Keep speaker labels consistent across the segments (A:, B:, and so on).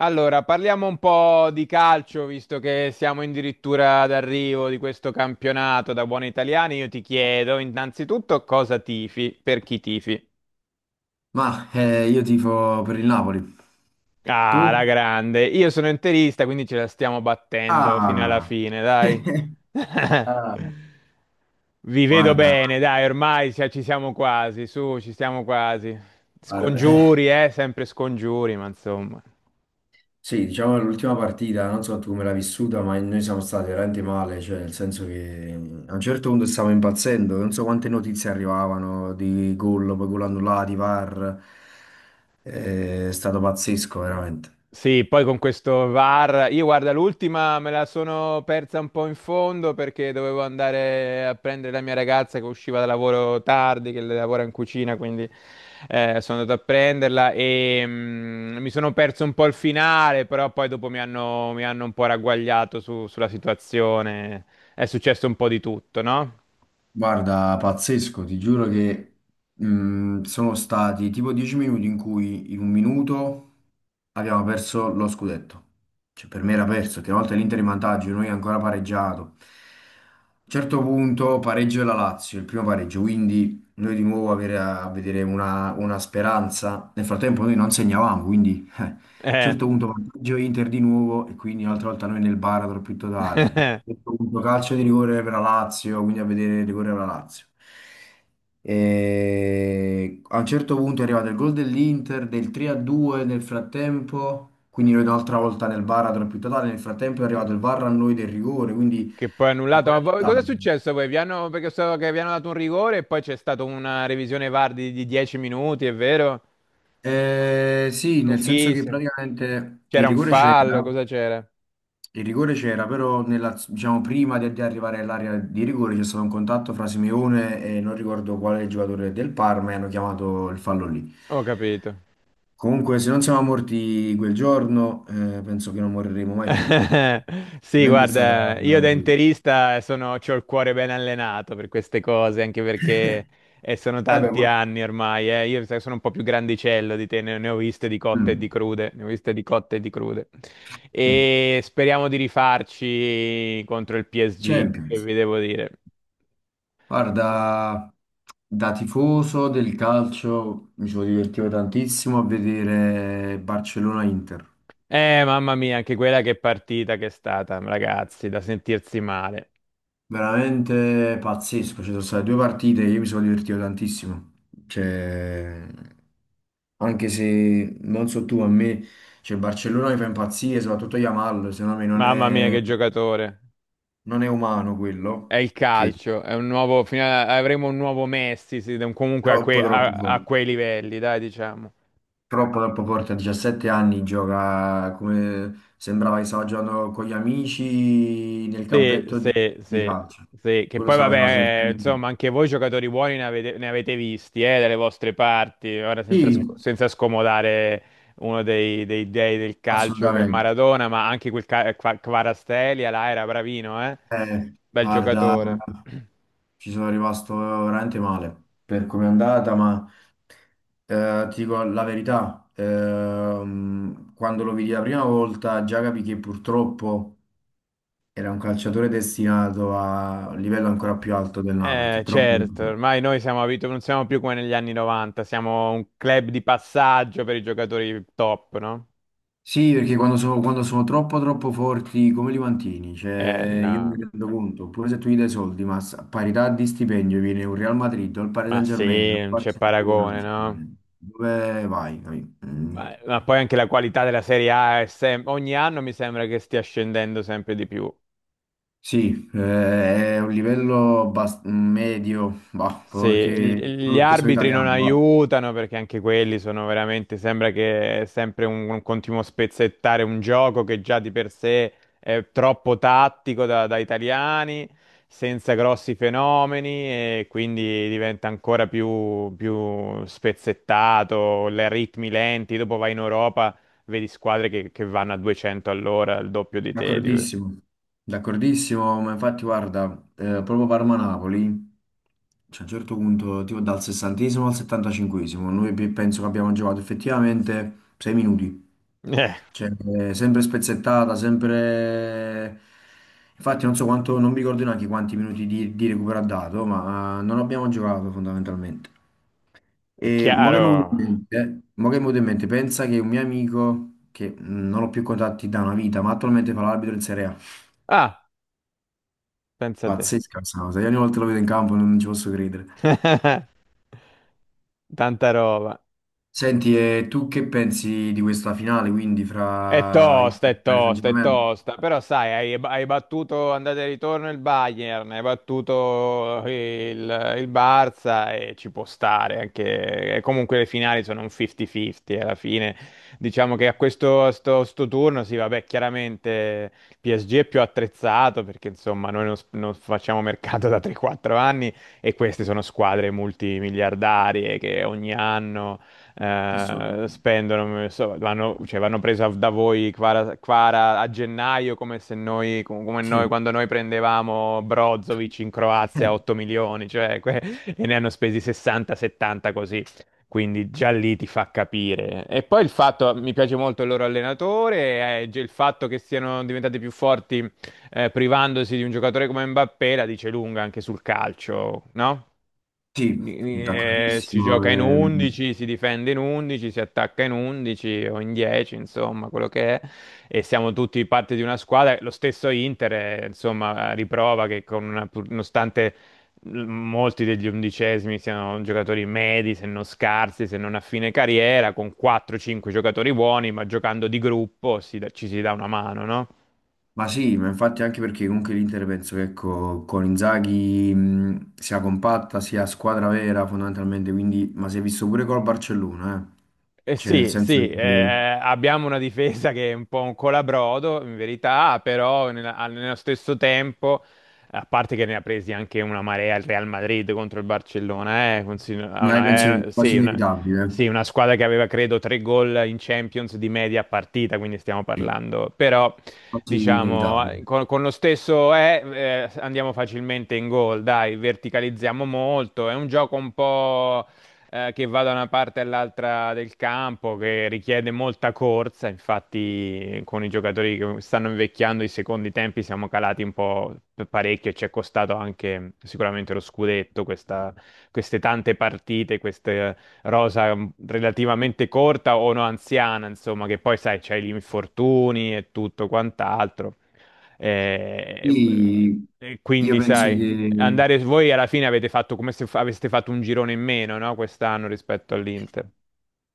A: Allora, parliamo un po' di calcio, visto che siamo addirittura d'arrivo di questo campionato da buoni italiani. Io ti chiedo innanzitutto cosa tifi, per chi tifi.
B: Ma io tifo per il Napoli.
A: Ah, la
B: Tu?
A: grande. Io sono interista, quindi ce la stiamo battendo fino alla
B: Ah.
A: fine, dai.
B: Ah,
A: Vi vedo
B: guarda,
A: bene, dai, ormai ci siamo quasi, su, ci siamo quasi.
B: guarda,
A: Scongiuri, sempre scongiuri, ma insomma.
B: sì, diciamo l'ultima partita, non so tu come l'hai vissuta, ma noi siamo stati veramente male, cioè nel senso che a un certo punto stavamo impazzendo, non so quante notizie arrivavano di gol, poi gol annullati, VAR, è stato pazzesco veramente.
A: Sì, poi con questo VAR, io guarda, l'ultima me la sono persa un po' in fondo perché dovevo andare a prendere la mia ragazza che usciva da lavoro tardi, che lavora in cucina, quindi sono andato a prenderla e mi sono perso un po' il finale, però poi dopo mi hanno un po' ragguagliato sulla situazione, è successo un po' di tutto, no?
B: Guarda, pazzesco, ti giuro che sono stati tipo 10 minuti in cui in un minuto abbiamo perso lo scudetto. Cioè, per me era perso, che una volta l'Inter in vantaggio, noi ancora pareggiato. A un certo punto pareggio della Lazio, il primo pareggio, quindi noi di nuovo a vedere una speranza. Nel frattempo noi non segnavamo, quindi. A un
A: Eh.
B: certo punto vantaggio Inter di nuovo e quindi un'altra volta noi nel baratro più totale. A un certo punto calcio di rigore per la Lazio, quindi a vedere il rigore per la Lazio. E a un certo punto è arrivato il gol dell'Inter del 3-2 nel frattempo, quindi noi un'altra volta nel baratro più totale, nel frattempo è arrivato il VAR a noi del rigore, quindi
A: Che poi è annullato.
B: rigore
A: Ma poi cosa è
B: annullato.
A: successo poi? Perché so che vi hanno dato un rigore e poi c'è stata una revisione VAR di 10 minuti, è vero?
B: Sì, nel senso che
A: Lunghissima.
B: praticamente il
A: C'era un
B: rigore
A: fallo,
B: c'era.
A: cosa c'era?
B: Il rigore c'era, però diciamo, prima di arrivare all'area di rigore c'è stato un contatto fra Simeone e non ricordo quale giocatore del Parma e hanno chiamato il fallo lì.
A: Ho capito.
B: Comunque, se non siamo morti quel giorno, penso che non moriremo mai più. Cioè,
A: Sì,
B: veramente è stata
A: guarda, io
B: una.
A: da interista sono, c'ho il cuore ben allenato per queste cose, anche perché sono
B: Vabbè,
A: tanti
B: que-
A: anni ormai. Io sai, sono un po' più grandicello di te, ne ho viste di cotte e di
B: mm.
A: crude, ne ho viste di cotte e di crude.
B: Eh,
A: E speriamo di rifarci contro il PSG, che
B: Champions.
A: vi devo dire.
B: Guarda, da tifoso del calcio mi sono divertito tantissimo a vedere Barcellona-Inter.
A: Mamma mia, anche quella che partita che è stata, ragazzi, da sentirsi male.
B: Veramente pazzesco, ci sono state due partite, io mi sono divertito tantissimo. Cioè, anche se non so tu, a me, cioè Barcellona mi fa impazzire, soprattutto Yamal, secondo me non
A: Mamma mia,
B: è,
A: che giocatore.
B: non è umano
A: È
B: quello,
A: il
B: perché
A: calcio, è un nuovo, avremo un nuovo Messi, sì, comunque
B: troppo troppo
A: a
B: forte,
A: quei livelli, dai, diciamo.
B: troppo troppo forte, a 17 anni gioca come sembrava che stava giocando con gli amici nel
A: Sì,
B: campetto
A: sì,
B: di
A: sì,
B: calcio.
A: sì. Che
B: Quello
A: poi
B: stava facendo sempre.
A: vabbè, insomma, anche voi giocatori buoni ne avete visti, dalle vostre parti, ora senza,
B: Sì,
A: senza scomodare uno dei del calcio che è
B: assolutamente.
A: Maradona, ma anche Kvaratskhelia là era bravino, eh? Bel
B: Guarda.
A: giocatore.
B: Ci sono rimasto veramente male per come è andata, ma ti dico la verità, quando lo vidi la prima volta già capì che purtroppo era un calciatore destinato a un livello ancora più alto del Napoli, che è troppo troppo
A: Certo,
B: forte.
A: ormai noi siamo abituati, non siamo più come negli anni 90, siamo un club di passaggio per i giocatori top, no?
B: Sì, perché quando sono troppo troppo forti, come li mantieni? Cioè, io mi
A: No,
B: rendo conto, pure se tu gli dai soldi, ma a parità di stipendio viene un Real Madrid, o il Paris
A: ma
B: Saint-Germain, o
A: sì,
B: il
A: non c'è
B: Barcellona,
A: paragone,
B: cioè,
A: no?
B: dove vai? Capì? Mm.
A: Ma poi anche la qualità della Serie A è ogni anno mi sembra che stia scendendo sempre di più.
B: Sì, è un livello medio, va,
A: Sì,
B: proprio perché,
A: gli
B: proprio
A: gli
B: perché sono
A: arbitri non
B: italiano, va.
A: aiutano perché anche quelli sono veramente, sembra che è sempre un continuo spezzettare un gioco che già di per sé è troppo tattico da italiani, senza grossi fenomeni e quindi diventa ancora più spezzettato, le ritmi lenti, dopo vai in Europa, vedi squadre che vanno a 200 all'ora, il doppio di te.
B: D'accordissimo, d'accordissimo, ma infatti guarda, proprio Parma-Napoli, cioè, a un certo punto, tipo dal 60° al 75°, noi penso che abbiamo giocato effettivamente 6 minuti,
A: Eh,
B: cioè, sempre spezzettata, sempre. Infatti non so quanto, non mi ricordo neanche quanti minuti di recupero ha dato, ma non abbiamo giocato fondamentalmente.
A: è
B: E mo che mi è venuto in
A: chiaro.
B: mente, mo che mi è venuto in mente, pensa che un mio amico, che non ho più contatti da una vita, ma attualmente fa l'arbitro in Serie A.
A: Ah, pensa a te.
B: Pazzesca questa cosa, io ogni volta lo vedo in campo non ci posso credere.
A: Tanta roba.
B: Senti, e tu che pensi di questa finale, quindi,
A: È
B: fra
A: tosta,
B: Inter
A: è
B: e Paris
A: tosta, è
B: Saint-Germain?
A: tosta. Però sai, hai battuto andata e ritorno il Bayern, hai battuto il Barça e ci può stare anche. E comunque le finali sono un 50-50 alla fine. Diciamo che a sto turno, sì, vabbè, chiaramente il PSG è più attrezzato perché insomma noi non, s- non facciamo mercato da 3-4 anni e queste sono squadre multimiliardarie che ogni anno
B: Assolutamente.
A: spendono, non so, vanno, cioè, vanno presa da voi Kvara a gennaio come se noi, come noi
B: Sì.
A: quando noi prendevamo Brozovic in Croazia
B: Eh,
A: a 8 milioni, cioè, e ne hanno spesi 60-70 così. Quindi già lì ti fa capire. E poi il fatto, mi piace molto il loro allenatore, il fatto che siano diventati più forti privandosi di un giocatore come Mbappé la dice lunga anche sul calcio, no?
B: sì,
A: Si
B: d'accordissimo.
A: gioca in 11, si difende in 11, si attacca in 11 o in 10, insomma, quello che è. E siamo tutti parte di una squadra. Lo stesso Inter, insomma, riprova che con nonostante molti degli undicesimi siano giocatori medi, se non scarsi, se non a fine carriera, con 4-5 giocatori buoni, ma giocando di gruppo ci si dà una mano, no?
B: Ma sì, ma infatti anche perché comunque l'Inter penso che ecco, con Inzaghi sia compatta, sia squadra vera fondamentalmente, quindi, ma si è visto pure col Barcellona, eh.
A: Eh
B: Cioè nel
A: sì,
B: senso
A: sì,
B: che,
A: abbiamo una difesa che è un po' un colabrodo, in verità, però nello stesso tempo, a parte che ne ha presi anche una marea il Real Madrid contro il Barcellona, ha
B: ma io penso che
A: una,
B: è quasi
A: sì, una,
B: inevitabile,
A: sì, una squadra che aveva, credo, 3 gol in Champions di media a partita, quindi stiamo parlando, però,
B: quasi
A: diciamo,
B: inevitabile.
A: con lo stesso andiamo facilmente in gol, dai, verticalizziamo molto, è un gioco un po' che va da una parte all'altra del campo, che richiede molta corsa. Infatti, con i giocatori che stanno invecchiando i secondi tempi siamo calati un po' parecchio e ci è costato anche sicuramente lo scudetto, queste tante partite, questa rosa relativamente corta o no anziana, insomma, che poi sai, c'hai gli infortuni e tutto quant'altro. Eh,
B: Quindi
A: e
B: io
A: quindi,
B: penso
A: sai,
B: che
A: andare voi alla fine avete fatto come se aveste fatto un girone in meno, no? Quest'anno rispetto all'Inter.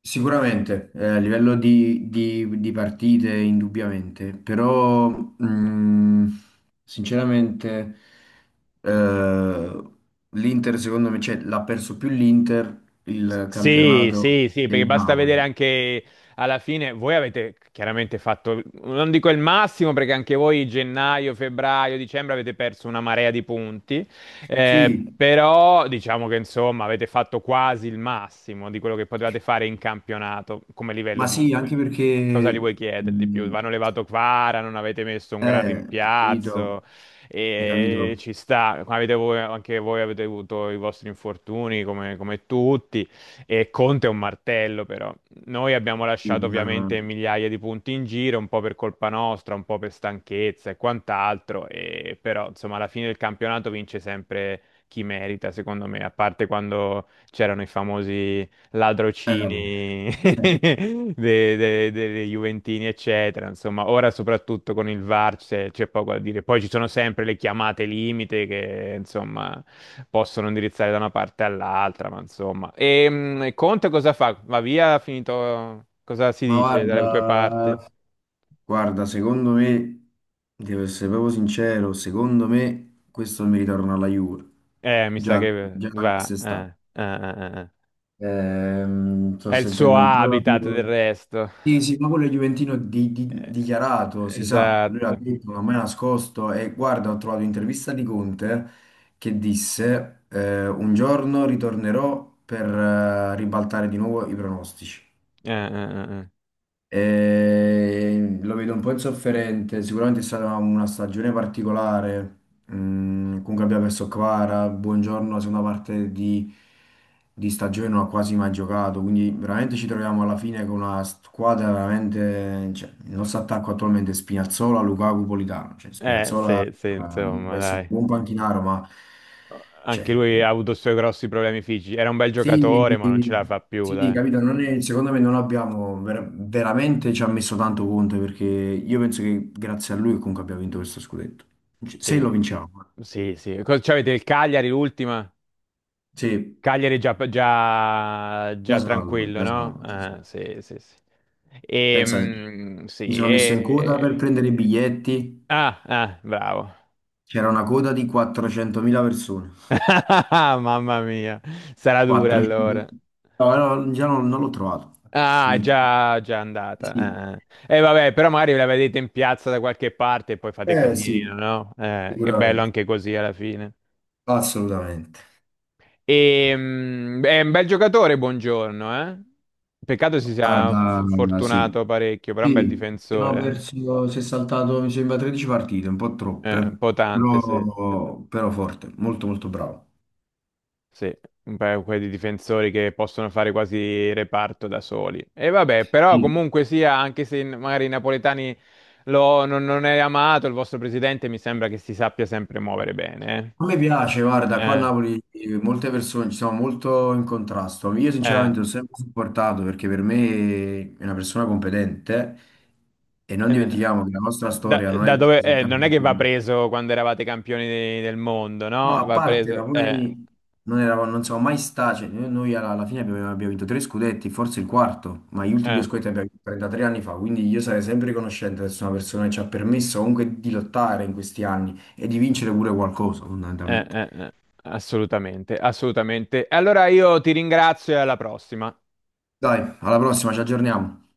B: sicuramente, a livello di partite, indubbiamente, però sinceramente eh, l'Inter, secondo me, cioè, l'ha perso più l'Inter il
A: Sì,
B: campionato
A: sì, sì, perché
B: del
A: basta
B: Napoli.
A: vedere anche alla fine, voi avete chiaramente fatto, non dico il massimo, perché anche voi gennaio, febbraio, dicembre avete perso una marea di punti,
B: Sì,
A: però diciamo che insomma avete fatto quasi il massimo di quello che potevate fare in campionato come livello
B: ma
A: di...
B: sì,
A: insomma,
B: anche
A: cosa li vuoi
B: perché,
A: chiedere di più? Vanno levato Kvara, non avete messo un
B: eh,
A: gran
B: hai capito,
A: rimpiazzo,
B: hai capito?
A: e ci sta, anche voi avete avuto i vostri infortuni come tutti. E Conte è un martello, però. Noi abbiamo
B: Sì,
A: lasciato ovviamente migliaia di punti in giro, un po' per colpa nostra, un po' per stanchezza e quant'altro, e però insomma alla fine del campionato vince sempre chi merita, secondo me, a parte quando c'erano i famosi
B: vabbè.
A: ladrocini
B: Eh,
A: dei Juventini, eccetera. Insomma, ora soprattutto con il VAR c'è poco da dire. Poi ci sono sempre le chiamate limite che, insomma, possono indirizzare da una parte all'altra, ma insomma. E Conte cosa fa? Va via, ha finito... Cosa si
B: ma
A: dice dalle tue parti?
B: guarda. Guarda, secondo me, devo essere proprio sincero, secondo me questo mi ritorna alla Juve,
A: Mi sa
B: già,
A: che
B: già da
A: va...
B: quest'estate. Sto
A: È il suo
B: sentendo un po'.
A: habitat del resto.
B: Sì, sì, ma quello è Juventino
A: Eh,
B: dichiarato, si sa, lui l'ha
A: esatto.
B: detto, non mi ha nascosto e guarda, ho trovato un'intervista di Conte che disse un giorno ritornerò per ribaltare di nuovo i pronostici.
A: Eh, eh, eh,
B: E lo vedo un po' insofferente. Sicuramente è stata una stagione particolare. Mm, comunque abbiamo perso Kvara. Buongiorno, la seconda parte di stagione non ha quasi mai giocato. Quindi veramente ci troviamo alla fine con una squadra veramente. Cioè, il nostro attacco attualmente è Spinazzola, Lukaku, Politano. Cioè, Spinazzola,
A: sì, sì,
B: può
A: insomma,
B: essere un
A: dai.
B: buon panchinaro, ma cioè,
A: Anche lui ha avuto i suoi grossi problemi fisici. Era un bel
B: sì,
A: giocatore, ma non ce la fa più,
B: sì,
A: dai.
B: capito, non è- secondo me non abbiamo veramente ci ha messo tanto Conte perché io penso che grazie a lui comunque abbia vinto questo scudetto. Se
A: Sì,
B: lo vinciamo, eh.
A: sì, sì. Cosa- Cioè, avete il Cagliari, l'ultima?
B: Sì,
A: Cagliari è già, già,
B: già
A: già
B: salvo,
A: tranquillo,
B: già
A: no?
B: salvo. Già
A: Ah,
B: salvo.
A: sì, sì, sì.
B: Pensa,
A: Ehm,
B: mi
A: sì,
B: sono messo in coda
A: e...
B: per prendere i biglietti,
A: Ah, ah, bravo.
B: c'era una coda di 400.000 persone.
A: Mamma mia, sarà dura
B: 400.
A: allora.
B: No, no, già non l'ho trovato,
A: Ah,
B: finito.
A: già, già
B: Sì,
A: andata. E vabbè, però magari ve la vedete in piazza da qualche parte e poi fate
B: eh
A: casino,
B: sì,
A: no? È bello
B: sicuramente,
A: anche così alla fine.
B: assolutamente.
A: È un bel giocatore, buongiorno, eh? Peccato si sia
B: Guarda, sì.
A: fortunato parecchio, però è un bel
B: Sì, abbiamo
A: difensore.
B: perso, si è saltato, mi sembra, 13 partite, un po'
A: Un
B: troppe,
A: po' tante, sì.
B: però forte, molto molto bravo.
A: Sì, un paio quelli di difensori che possono fare quasi reparto da soli. E vabbè, però
B: Sì.
A: comunque sia, anche se magari i napoletani non è amato, il vostro presidente mi sembra che si sappia sempre muovere bene.
B: A me piace,
A: eh.
B: guarda, qua a
A: Eh,
B: Napoli, molte persone ci sono molto in contrasto. Io
A: eh.
B: sinceramente l'ho sempre supportato perché per me è una persona competente e non
A: Eh,
B: dimentichiamo che la nostra
A: Da,
B: storia non
A: da
B: è
A: dove,
B: così
A: non è
B: tanto.
A: che va preso quando eravate campioni del mondo,
B: No,
A: no?
B: a
A: Va
B: parte, ma
A: preso...
B: poi non eravamo, non siamo mai stati, cioè, noi alla fine abbiamo vinto tre scudetti, forse il quarto, ma gli ultimi due
A: eh,
B: scudetti li abbiamo vinto 33 anni fa, quindi io sarei sempre riconoscente di essere una persona che ci ha permesso comunque di lottare in questi anni e di vincere pure qualcosa,
A: eh,
B: fondamentalmente.
A: eh, eh. Assolutamente, assolutamente. E allora io ti ringrazio e alla prossima.
B: Dai, alla prossima, ci aggiorniamo.